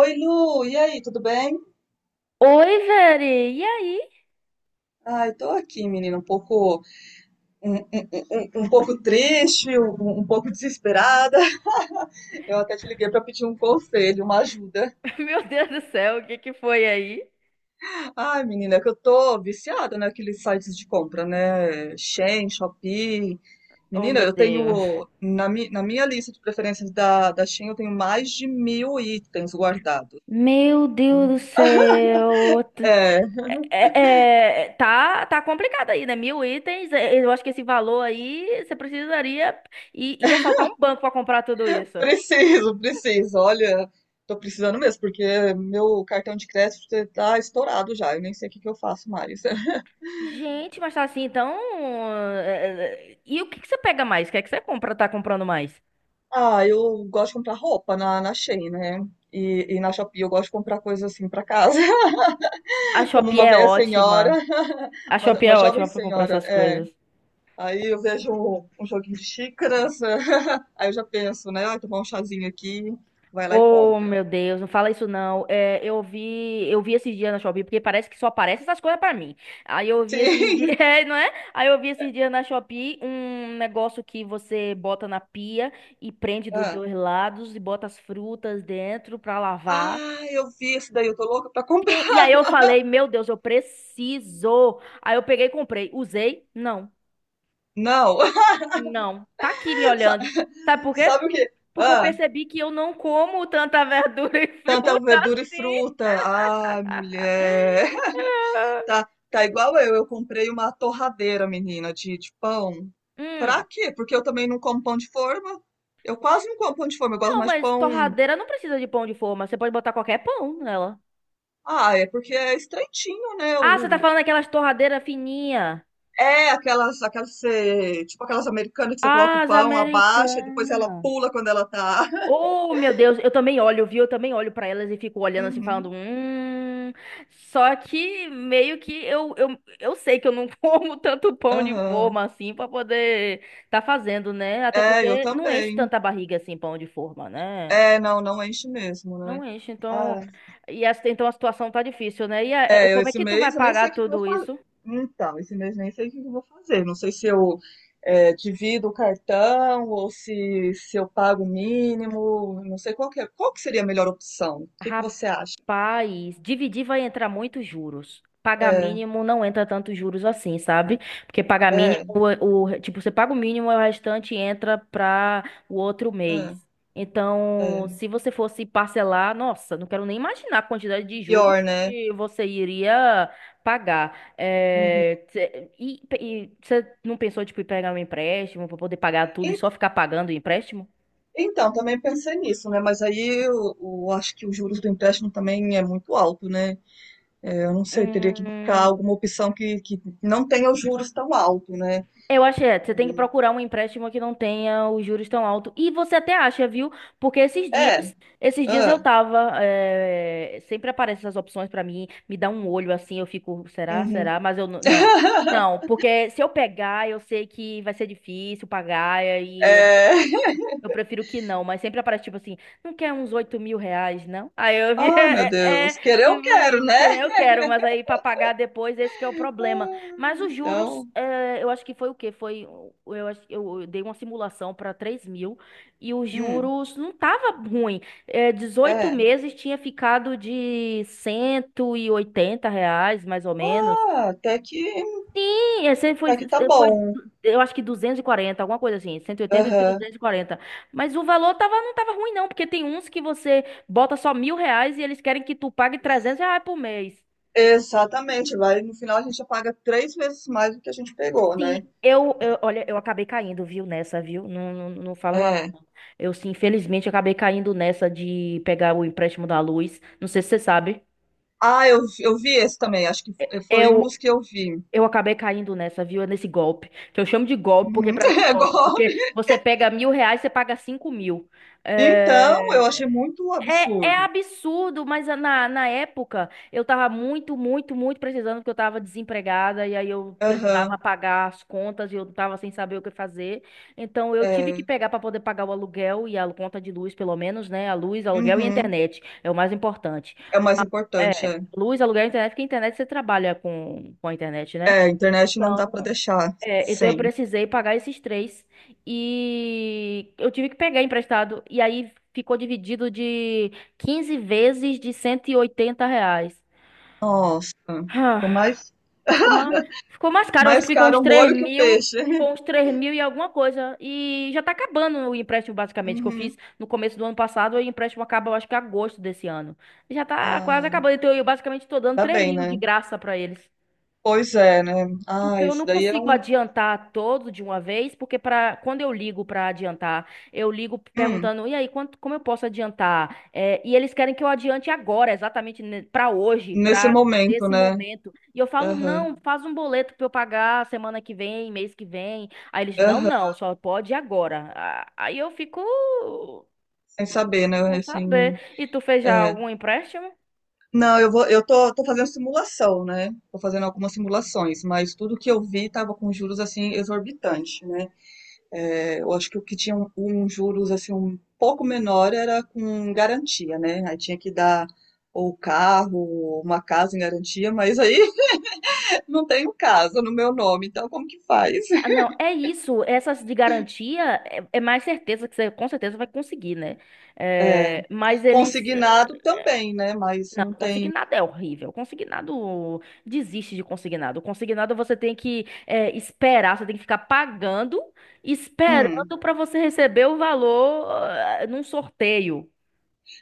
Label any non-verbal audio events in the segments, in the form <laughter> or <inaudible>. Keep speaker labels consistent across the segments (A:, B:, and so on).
A: Oi, Lu, e aí, tudo bem?
B: Oi, Veri. E aí?
A: Ai, tô aqui, menina, um pouco, um pouco triste, um pouco desesperada. <laughs> Eu até te liguei pra pedir um conselho, uma ajuda.
B: <laughs> Meu Deus do céu, o que que foi aí?
A: Ai, menina, é que eu tô viciada naqueles sites de compra, né? Shein, Shopee.
B: Oh,
A: Menina,
B: meu
A: eu
B: Deus.
A: tenho, na minha lista de preferências da Shein, eu tenho mais de 1.000 itens guardados.
B: Meu Deus do céu.
A: É,
B: Tá complicado aí, né? 1.000 itens, é, eu acho que esse valor aí você precisaria ir assaltar um banco pra comprar tudo isso.
A: preciso, preciso. Olha, tô precisando mesmo, porque meu cartão de crédito tá estourado já. Eu nem sei o que que eu faço mais. <laughs>
B: Gente, mas tá assim, então. E o que que você pega mais? O que é que você compra, tá comprando mais?
A: Ah, eu gosto de comprar roupa na Shein, né? E na Shopee eu gosto de comprar coisas assim pra casa, <laughs>
B: A
A: como
B: Shopee
A: uma
B: é
A: velha senhora,
B: ótima.
A: <laughs>
B: A
A: uma,
B: Shopee é
A: uma jovem
B: ótima pra comprar
A: senhora,
B: essas
A: é.
B: coisas.
A: Aí eu vejo um joguinho de xícaras, <laughs> aí eu já penso, né? Ai, tomar um chazinho aqui, vai lá e
B: Oh,
A: compra.
B: meu Deus, não fala isso não. É, eu vi esses dias na Shopee, porque parece que só aparece essas coisas pra mim. Aí eu vi esses dias, <laughs>
A: Sim. <laughs>
B: é, não é? Aí eu vi esses dias na Shopee um negócio que você bota na pia e prende dos
A: Ah,
B: dois lados e bota as frutas dentro pra lavar.
A: Eu vi esse daí, eu tô louca pra comprar.
B: E aí eu
A: <laughs>
B: falei, meu Deus, eu preciso. Aí eu peguei e comprei. Usei? Não.
A: Não.
B: Não. Tá aqui me
A: Sa-
B: olhando. Sabe por
A: <laughs>
B: quê?
A: Sabe o que?
B: Porque eu
A: Ah,
B: percebi que eu não como tanta verdura e <laughs>
A: tanta
B: fruta
A: verdura e
B: assim.
A: fruta. Ai, mulher. <laughs> Tá,
B: <laughs>
A: tá, igual eu. Eu comprei uma torradeira, menina, de pão.
B: Hum.
A: Pra quê? Porque eu também não como pão de forma. Eu quase não como pão de forma. Eu gosto
B: Não,
A: mais de
B: mas
A: pão.
B: torradeira não precisa de pão de forma. Você pode botar qualquer pão nela.
A: Ah, é porque é estreitinho, né?
B: Ah, você tá
A: O...
B: falando daquelas torradeiras fininhas.
A: É aquelas, que tipo aquelas americanas que você coloca o
B: Ah, as
A: pão, abaixa e depois ela
B: americanas.
A: pula quando ela tá. <laughs>
B: Oh, meu Deus, eu também olho, viu? Eu também olho pra elas e fico olhando assim, falando,
A: Uhum,
B: hum. Só que meio que eu sei que eu não <laughs> como tanto pão de
A: aham.
B: forma assim pra poder tá fazendo, né? Até
A: É, eu
B: porque não enche
A: também.
B: tanta barriga assim, pão de forma, né?
A: É, não, não enche mesmo, né?
B: Não enche, então.
A: Ah,
B: E essa, então a situação tá difícil, né? E como é
A: esse
B: que tu vai
A: mês eu nem sei
B: pagar
A: o que, que eu vou
B: tudo
A: fazer.
B: isso?
A: Então, esse mês nem sei o que, que eu vou fazer. Não sei se eu divido o cartão ou se eu pago o mínimo. Não sei qual que, qual que seria a melhor opção. O que, que você acha?
B: Rapaz, dividir vai entrar muitos juros. Pagar
A: É,
B: mínimo não entra tantos juros assim, sabe? Porque pagar mínimo,
A: é,
B: tipo, você paga o mínimo e o restante entra para o outro mês.
A: é,
B: Então,
A: é.
B: se você fosse parcelar, nossa, não quero nem imaginar a quantidade de juros
A: Pior, né?
B: que você iria pagar.
A: Uhum.
B: É, e você não pensou, tipo, em pegar um empréstimo para poder pagar tudo e
A: En-
B: só ficar pagando o empréstimo?
A: Então, também pensei nisso, né? Mas aí eu acho que os juros do empréstimo também é muito alto, né? É, eu não sei, teria que buscar
B: Hum.
A: alguma opção que não tenha os juros tão alto, né?
B: Eu acho que é, você tem que procurar um empréstimo que não tenha os juros tão altos. E você até acha, viu? Porque esses
A: É,
B: dias, esses dias
A: ah,
B: eu tava, sempre aparecem essas opções pra mim, me dá um olho assim, eu fico, será,
A: uhum.
B: será? Mas eu não,
A: <laughs>
B: não, porque se eu pegar, eu sei que vai ser difícil pagar e aí eu
A: É...
B: prefiro que não. Mas sempre aparece tipo assim, não quer uns R$ 8.000, não? Aí eu vi,
A: Ah, meu
B: <laughs> é, é,
A: Deus. Querer eu
B: tipo
A: quero,
B: isso,
A: né?
B: querer eu quero, mas aí pra pagar depois, esse que é o problema.
A: Ah,
B: Mas os
A: então,
B: juros, eu acho que foi o quê? Foi, o- eu, acho- eu dei uma simulação para 3.000 e os
A: hum,
B: juros não tava ruim. Dezoito
A: é.
B: meses tinha ficado de R$ 180, mais ou menos.
A: Ah, até que,
B: Sim, esse foi,
A: até que tá
B: foi,
A: bom.
B: eu acho que 240 alguma coisa assim, cento e oitenta e
A: Aham.
B: 240. Mas o valor tava, não tava ruim não, porque tem uns que você bota só R$ 1.000 e eles querem que tu pague R$ 300 por mês.
A: Exatamente. Vai, no final a gente já paga três vezes mais do que a gente pegou,
B: Sim,
A: né?
B: olha, eu acabei caindo, viu, nessa, viu? Não, não, não falo nada.
A: É.
B: Eu, sim, infelizmente, acabei caindo nessa de pegar o empréstimo da luz. Não sei se você sabe.
A: Ah, eu vi esse também. Acho que foi um dos
B: Eu,
A: que eu vi.
B: eu acabei caindo nessa, viu? Nesse golpe. Que eu chamo de golpe, porque
A: Uhum.
B: pra mim
A: <laughs>
B: é
A: É
B: golpe.
A: golpe.
B: Porque você pega R$ 1.000, você paga 5.000.
A: Então, eu achei
B: É,
A: muito
B: é,
A: absurdo.
B: absurdo, mas na época eu tava muito, muito, muito precisando, porque eu tava desempregada e aí eu precisava
A: Aham.
B: pagar as contas e eu tava sem saber o que fazer. Então eu tive
A: É.
B: que pegar para poder pagar o aluguel e a conta de luz, pelo menos, né? A luz, aluguel e
A: Uhum.
B: internet é o mais importante.
A: É o mais importante,
B: É,
A: é.
B: luz, aluguel e internet, porque a internet você trabalha com a internet, né?
A: É, a internet não dá pra deixar
B: É, então eu
A: sem.
B: precisei pagar esses três e eu tive que pegar emprestado e aí ficou dividido de 15 vezes de R$ 180.
A: Nossa, ficou
B: Ah,
A: mais,
B: Ficou
A: <laughs>
B: mais, ficou mais caro, acho que
A: mais
B: ficou
A: caro
B: uns
A: o
B: três
A: molho que o
B: mil,
A: peixe. <laughs>
B: e alguma coisa. E já tá acabando o empréstimo basicamente que eu fiz
A: Uhum.
B: no começo do ano passado. E o empréstimo acaba eu acho que agosto desse ano. Já tá quase
A: Ai,
B: acabando, então eu basicamente tô dando
A: tá
B: três
A: bem,
B: mil de
A: né?
B: graça pra eles.
A: Pois é, né? Ah,
B: Porque eu
A: isso
B: não
A: daí é
B: consigo
A: um.
B: adiantar todo de uma vez, porque para quando eu ligo para adiantar, eu ligo
A: Hum,
B: perguntando, e aí, quanto, como eu posso adiantar? É, e eles querem que eu adiante agora, exatamente para hoje,
A: nesse
B: para
A: momento,
B: nesse
A: né?
B: momento. E eu falo,
A: Aham,
B: não, faz um boleto para eu pagar semana que vem, mês que vem. Aí eles, não,
A: aham,
B: não, só pode agora. Ah, aí eu fico
A: sem saber, né?
B: sem saber.
A: Assim,
B: E tu fez já
A: é.
B: algum empréstimo?
A: Não, eu tô fazendo simulação, né? Tô fazendo algumas simulações, mas tudo que eu vi tava com juros assim exorbitante, né? É, eu acho que o que tinha um juros assim um pouco menor era com garantia, né? Aí tinha que dar ou carro, ou uma casa em garantia, mas aí <laughs> não tenho casa no meu nome, então como que faz?
B: Ah,
A: <laughs>
B: não, é isso. Essas de garantia é mais certeza que você com certeza vai conseguir, né?
A: É,
B: É, mas eles.
A: consignado também, né? Mas
B: Não,
A: não tem.
B: consignado é horrível. Consignado desiste de consignado. Consignado você tem que esperar, você tem que ficar pagando,
A: Hum.
B: esperando para você receber o valor num sorteio.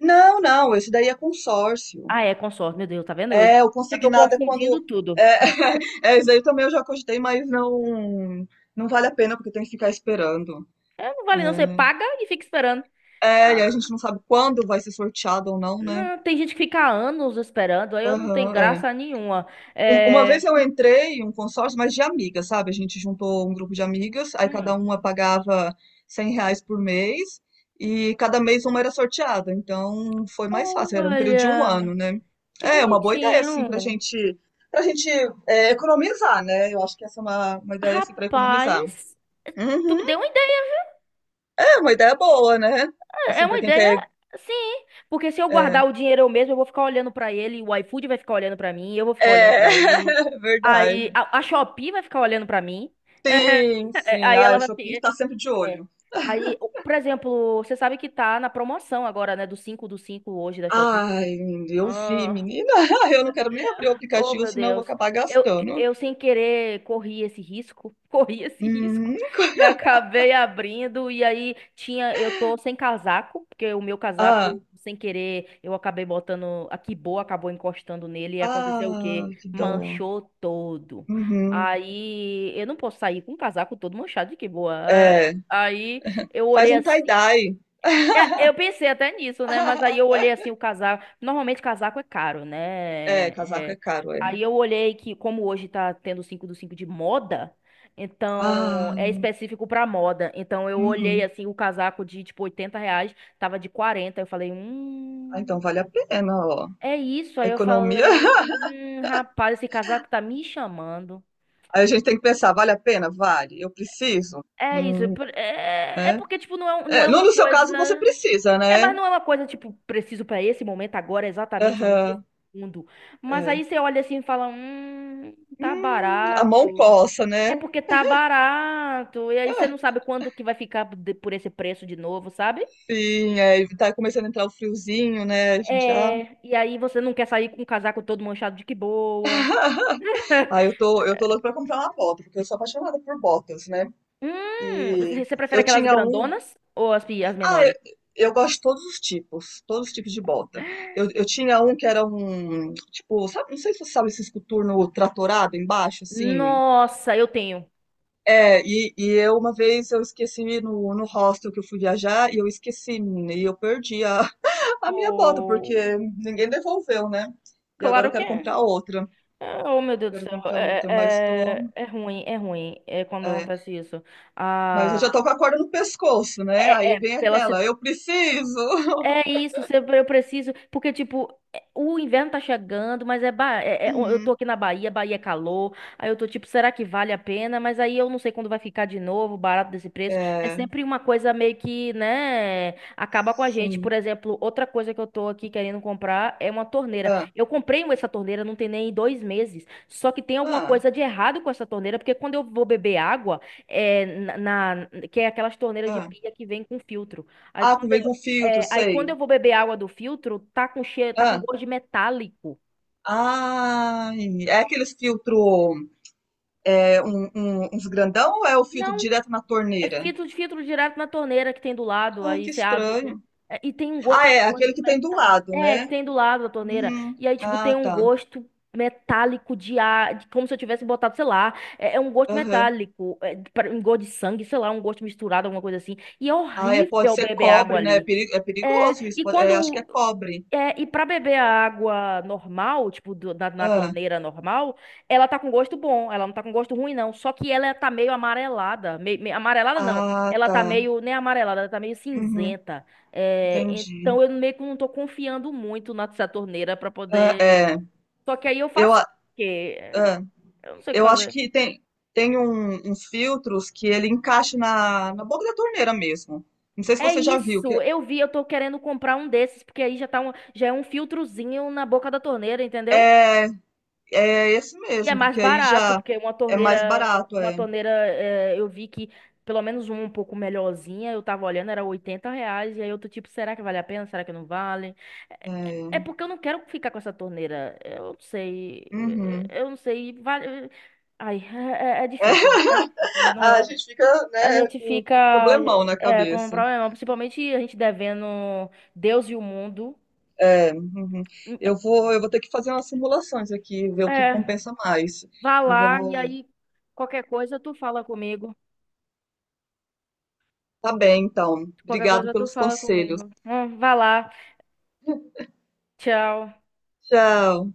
A: Não, não, esse daí é consórcio.
B: Ah, é, consórcio. Meu Deus, tá vendo hoje?
A: É, o
B: Já tô
A: consignado é quando.
B: confundindo
A: É,
B: tudo.
A: <laughs> é, esse aí também eu já cogitei, mas não, não vale a pena, porque tem que ficar esperando.
B: Então, não vale não, você
A: É.
B: paga e fica esperando.
A: É, e a gente não sabe quando vai ser sorteado ou não, né?
B: Não, tem gente que fica anos esperando, aí eu não tenho
A: Aham, é.
B: graça nenhuma.
A: Uma vez
B: É.
A: eu entrei em um consórcio, mas de amigas, sabe? A gente juntou um grupo de amigas, aí cada
B: Hum.
A: uma pagava R$ 100 por mês e cada mês uma era sorteada. Então foi mais fácil, era um período de um
B: Olha,
A: ano, né?
B: que
A: É uma boa ideia, assim, pra
B: bonitinho.
A: gente, pra gente economizar, né? Eu acho que essa é uma ideia, assim, pra economizar.
B: Rapaz, tu
A: Uhum,
B: me deu uma ideia.
A: é uma ideia boa, né?
B: É
A: Assim,
B: uma
A: pra quem
B: ideia,
A: quer.
B: sim. Porque se eu guardar
A: É,
B: o dinheiro eu mesmo, eu vou ficar olhando pra ele, o iFood vai ficar olhando pra mim, eu vou ficar olhando
A: é
B: pra ele.
A: <laughs>
B: Aí
A: verdade.
B: a Shopee vai ficar olhando pra mim.
A: Sim,
B: <laughs> É,
A: sim.
B: Aí
A: Ah,
B: ela
A: o
B: vai.
A: Shopee está sempre de
B: É.
A: olho.
B: Aí, por exemplo, você sabe que tá na promoção agora, né? Do 5 hoje da Shopee.
A: Ai, eu vi, menina. <laughs> Eu não quero nem abrir o
B: Oh,
A: aplicativo,
B: meu
A: senão eu vou
B: Deus.
A: acabar
B: Eu,
A: gastando.
B: eu sem querer corri esse risco, <laughs> corri esse risco
A: Uhum.
B: e acabei abrindo e aí tinha, eu tô sem casaco, porque o meu
A: Ah,
B: casaco sem querer eu acabei botando a boa acabou encostando nele e aconteceu o
A: ah,
B: quê?
A: que dó.
B: Manchou todo.
A: Uhum.
B: Aí eu não posso sair com o casaco todo manchado de boa.
A: É,
B: Aí eu
A: faz
B: olhei
A: um
B: assim
A: tie-dye.
B: é, eu pensei até nisso, né? Mas aí eu olhei
A: <laughs>
B: assim o casaco. Normalmente casaco é caro,
A: É,
B: né?
A: casaco é
B: É,
A: caro, é.
B: Aí eu olhei que, como hoje tá tendo 5 do 5 de moda, então
A: Ah,
B: é específico pra moda. Então eu olhei
A: uhum.
B: assim o casaco de tipo R$ 80, tava de 40. Eu falei,
A: Ah, então vale a pena, ó.
B: é isso.
A: A
B: Aí eu
A: economia. <laughs>
B: falei, rapaz, esse casaco tá me chamando.
A: Aí a gente tem que pensar, vale a pena? Vale. Eu preciso?
B: É isso.
A: Hum,
B: É, é
A: né?
B: porque, tipo, não
A: É,
B: é
A: no,
B: uma
A: no seu
B: coisa.
A: caso, você precisa,
B: É,
A: né?
B: mas não é uma coisa, tipo, preciso pra esse momento agora, exatamente nesse
A: Aham,
B: mundo. Mas
A: é.
B: aí você olha assim e fala: tá
A: A mão
B: barato.
A: coça,
B: É
A: né?
B: porque tá barato. E aí você não sabe quando que vai ficar por esse preço de novo, sabe?
A: Sim, é, e tá começando a entrar o friozinho, né? A gente já.
B: É. E aí você não quer sair com o casaco todo manchado de que boa.
A: <laughs> Ah, eu tô louca pra comprar uma bota, porque eu sou apaixonada por botas, né?
B: Hum,
A: E
B: você prefere
A: eu
B: aquelas
A: tinha um.
B: grandonas ou as
A: Ah, eu,
B: menores?
A: eu gosto de todos os tipos de bota. Eu tinha um que era um. Tipo, sabe, não sei se você sabe esse coturno tratorado embaixo, assim.
B: Nossa, eu tenho.
A: É, e eu uma vez eu esqueci no hostel que eu fui viajar e eu esqueci, menina, e eu perdi a minha bota, porque
B: Oh,
A: ninguém devolveu, né? E agora eu
B: claro que
A: quero
B: é.
A: comprar outra.
B: Ah, oh, meu Deus do
A: Quero
B: céu,
A: comprar
B: é,
A: outra, mas tô.
B: é, é é ruim, é ruim é quando
A: É,
B: acontece isso.
A: mas eu
B: Ah,
A: já tô com a corda no pescoço, né?
B: é,
A: Aí
B: é
A: vem
B: pela
A: aquela, eu preciso! <laughs>
B: é isso, se eu preciso, porque tipo, o inverno tá chegando, mas eu tô
A: Uhum.
B: aqui na Bahia, Bahia é calor, aí eu tô tipo, será que vale a pena? Mas aí eu não sei quando vai ficar de novo, barato desse preço. É
A: É,
B: sempre uma coisa meio que, né, acaba com a gente. Por
A: sim.
B: exemplo, outra coisa que eu tô aqui querendo comprar é uma torneira.
A: Ah,
B: Eu comprei essa torneira, não tem nem 2 meses, só que tem alguma
A: ah,
B: coisa de errado com essa torneira, porque quando eu vou beber água, é, na, que é aquelas torneiras de
A: ah.
B: pia que vem com filtro. Aí
A: Ah,
B: quando
A: vem com filtro,
B: é, aí
A: sei.
B: quando eu vou beber água do filtro, tá com cheiro, tá com
A: Ah,
B: gosto de metálico.
A: ai. É aqueles filtro, uns grandão ou é o filtro
B: Não,
A: direto na
B: é
A: torneira?
B: filtro de filtro direto na torneira que tem do lado,
A: Ai,
B: aí
A: que
B: você abre tudo.
A: estranho.
B: É, e tem um gosto,
A: Ah,
B: tá
A: é,
B: com gosto
A: aquele
B: de
A: que tem do
B: metal.
A: lado,
B: É,
A: né?
B: que tem do lado da torneira.
A: Uhum.
B: E aí, tipo,
A: Ah,
B: tem um
A: tá.
B: gosto metálico de ar, como se eu tivesse botado, sei lá, é um gosto
A: Aham.
B: metálico, é, um gosto de sangue, sei lá, um gosto misturado, alguma coisa assim. E é
A: Ah, é, pode
B: horrível
A: ser
B: beber água
A: cobre, né? É
B: ali.
A: peri- é perigoso
B: É,
A: isso.
B: e
A: Acho que é
B: quando
A: cobre.
B: É, e pra beber a água normal, tipo, na
A: Ah,
B: torneira normal, ela tá com gosto bom, ela não tá com gosto ruim, não. Só que ela tá meio amarelada. Meio, amarelada não.
A: ah,
B: Ela
A: tá.
B: tá meio, nem amarelada, ela tá meio
A: Uhum,
B: cinzenta. É,
A: entendi.
B: então eu meio que não tô confiando muito na nessa torneira pra
A: Ah,
B: poder.
A: é,
B: Só que aí eu
A: eu,
B: faço
A: a-
B: o quê?
A: ah,
B: Eu não sei o que
A: eu acho
B: fazer.
A: que tem uns filtros que ele encaixa na boca da torneira mesmo. Não sei se
B: É
A: você já viu.
B: isso,
A: Que
B: eu vi, eu tô querendo comprar um desses, porque aí já é um filtrozinho na boca da torneira, entendeu?
A: é, é esse
B: E é
A: mesmo,
B: mais
A: porque aí
B: barato,
A: já
B: porque uma
A: é mais
B: torneira,
A: barato,
B: uma
A: é.
B: torneira, eu vi que pelo menos uma um pouco melhorzinha, eu tava olhando, era R$ 80, e aí eu tô tipo, será que vale a pena? Será que não vale? É,
A: É,
B: é porque eu não quero ficar com essa torneira, eu não sei, eh,
A: uhum.
B: eu não sei, vale... Ai, é, é difícil, eu
A: <laughs> É, a
B: não-
A: gente fica,
B: A
A: né,
B: gente
A: com,
B: fica
A: com problemão na
B: com um
A: cabeça.
B: problema, principalmente a gente devendo Deus e o mundo.
A: Uhum. Eu vou ter que fazer umas simulações aqui, ver o que
B: É,
A: compensa mais.
B: vá lá e
A: Igual.
B: aí qualquer coisa tu fala comigo.
A: Tá bem, então.
B: Qualquer
A: Obrigado
B: coisa tu
A: pelos
B: fala
A: conselhos.
B: comigo. Vai lá. Tchau.
A: Tchau.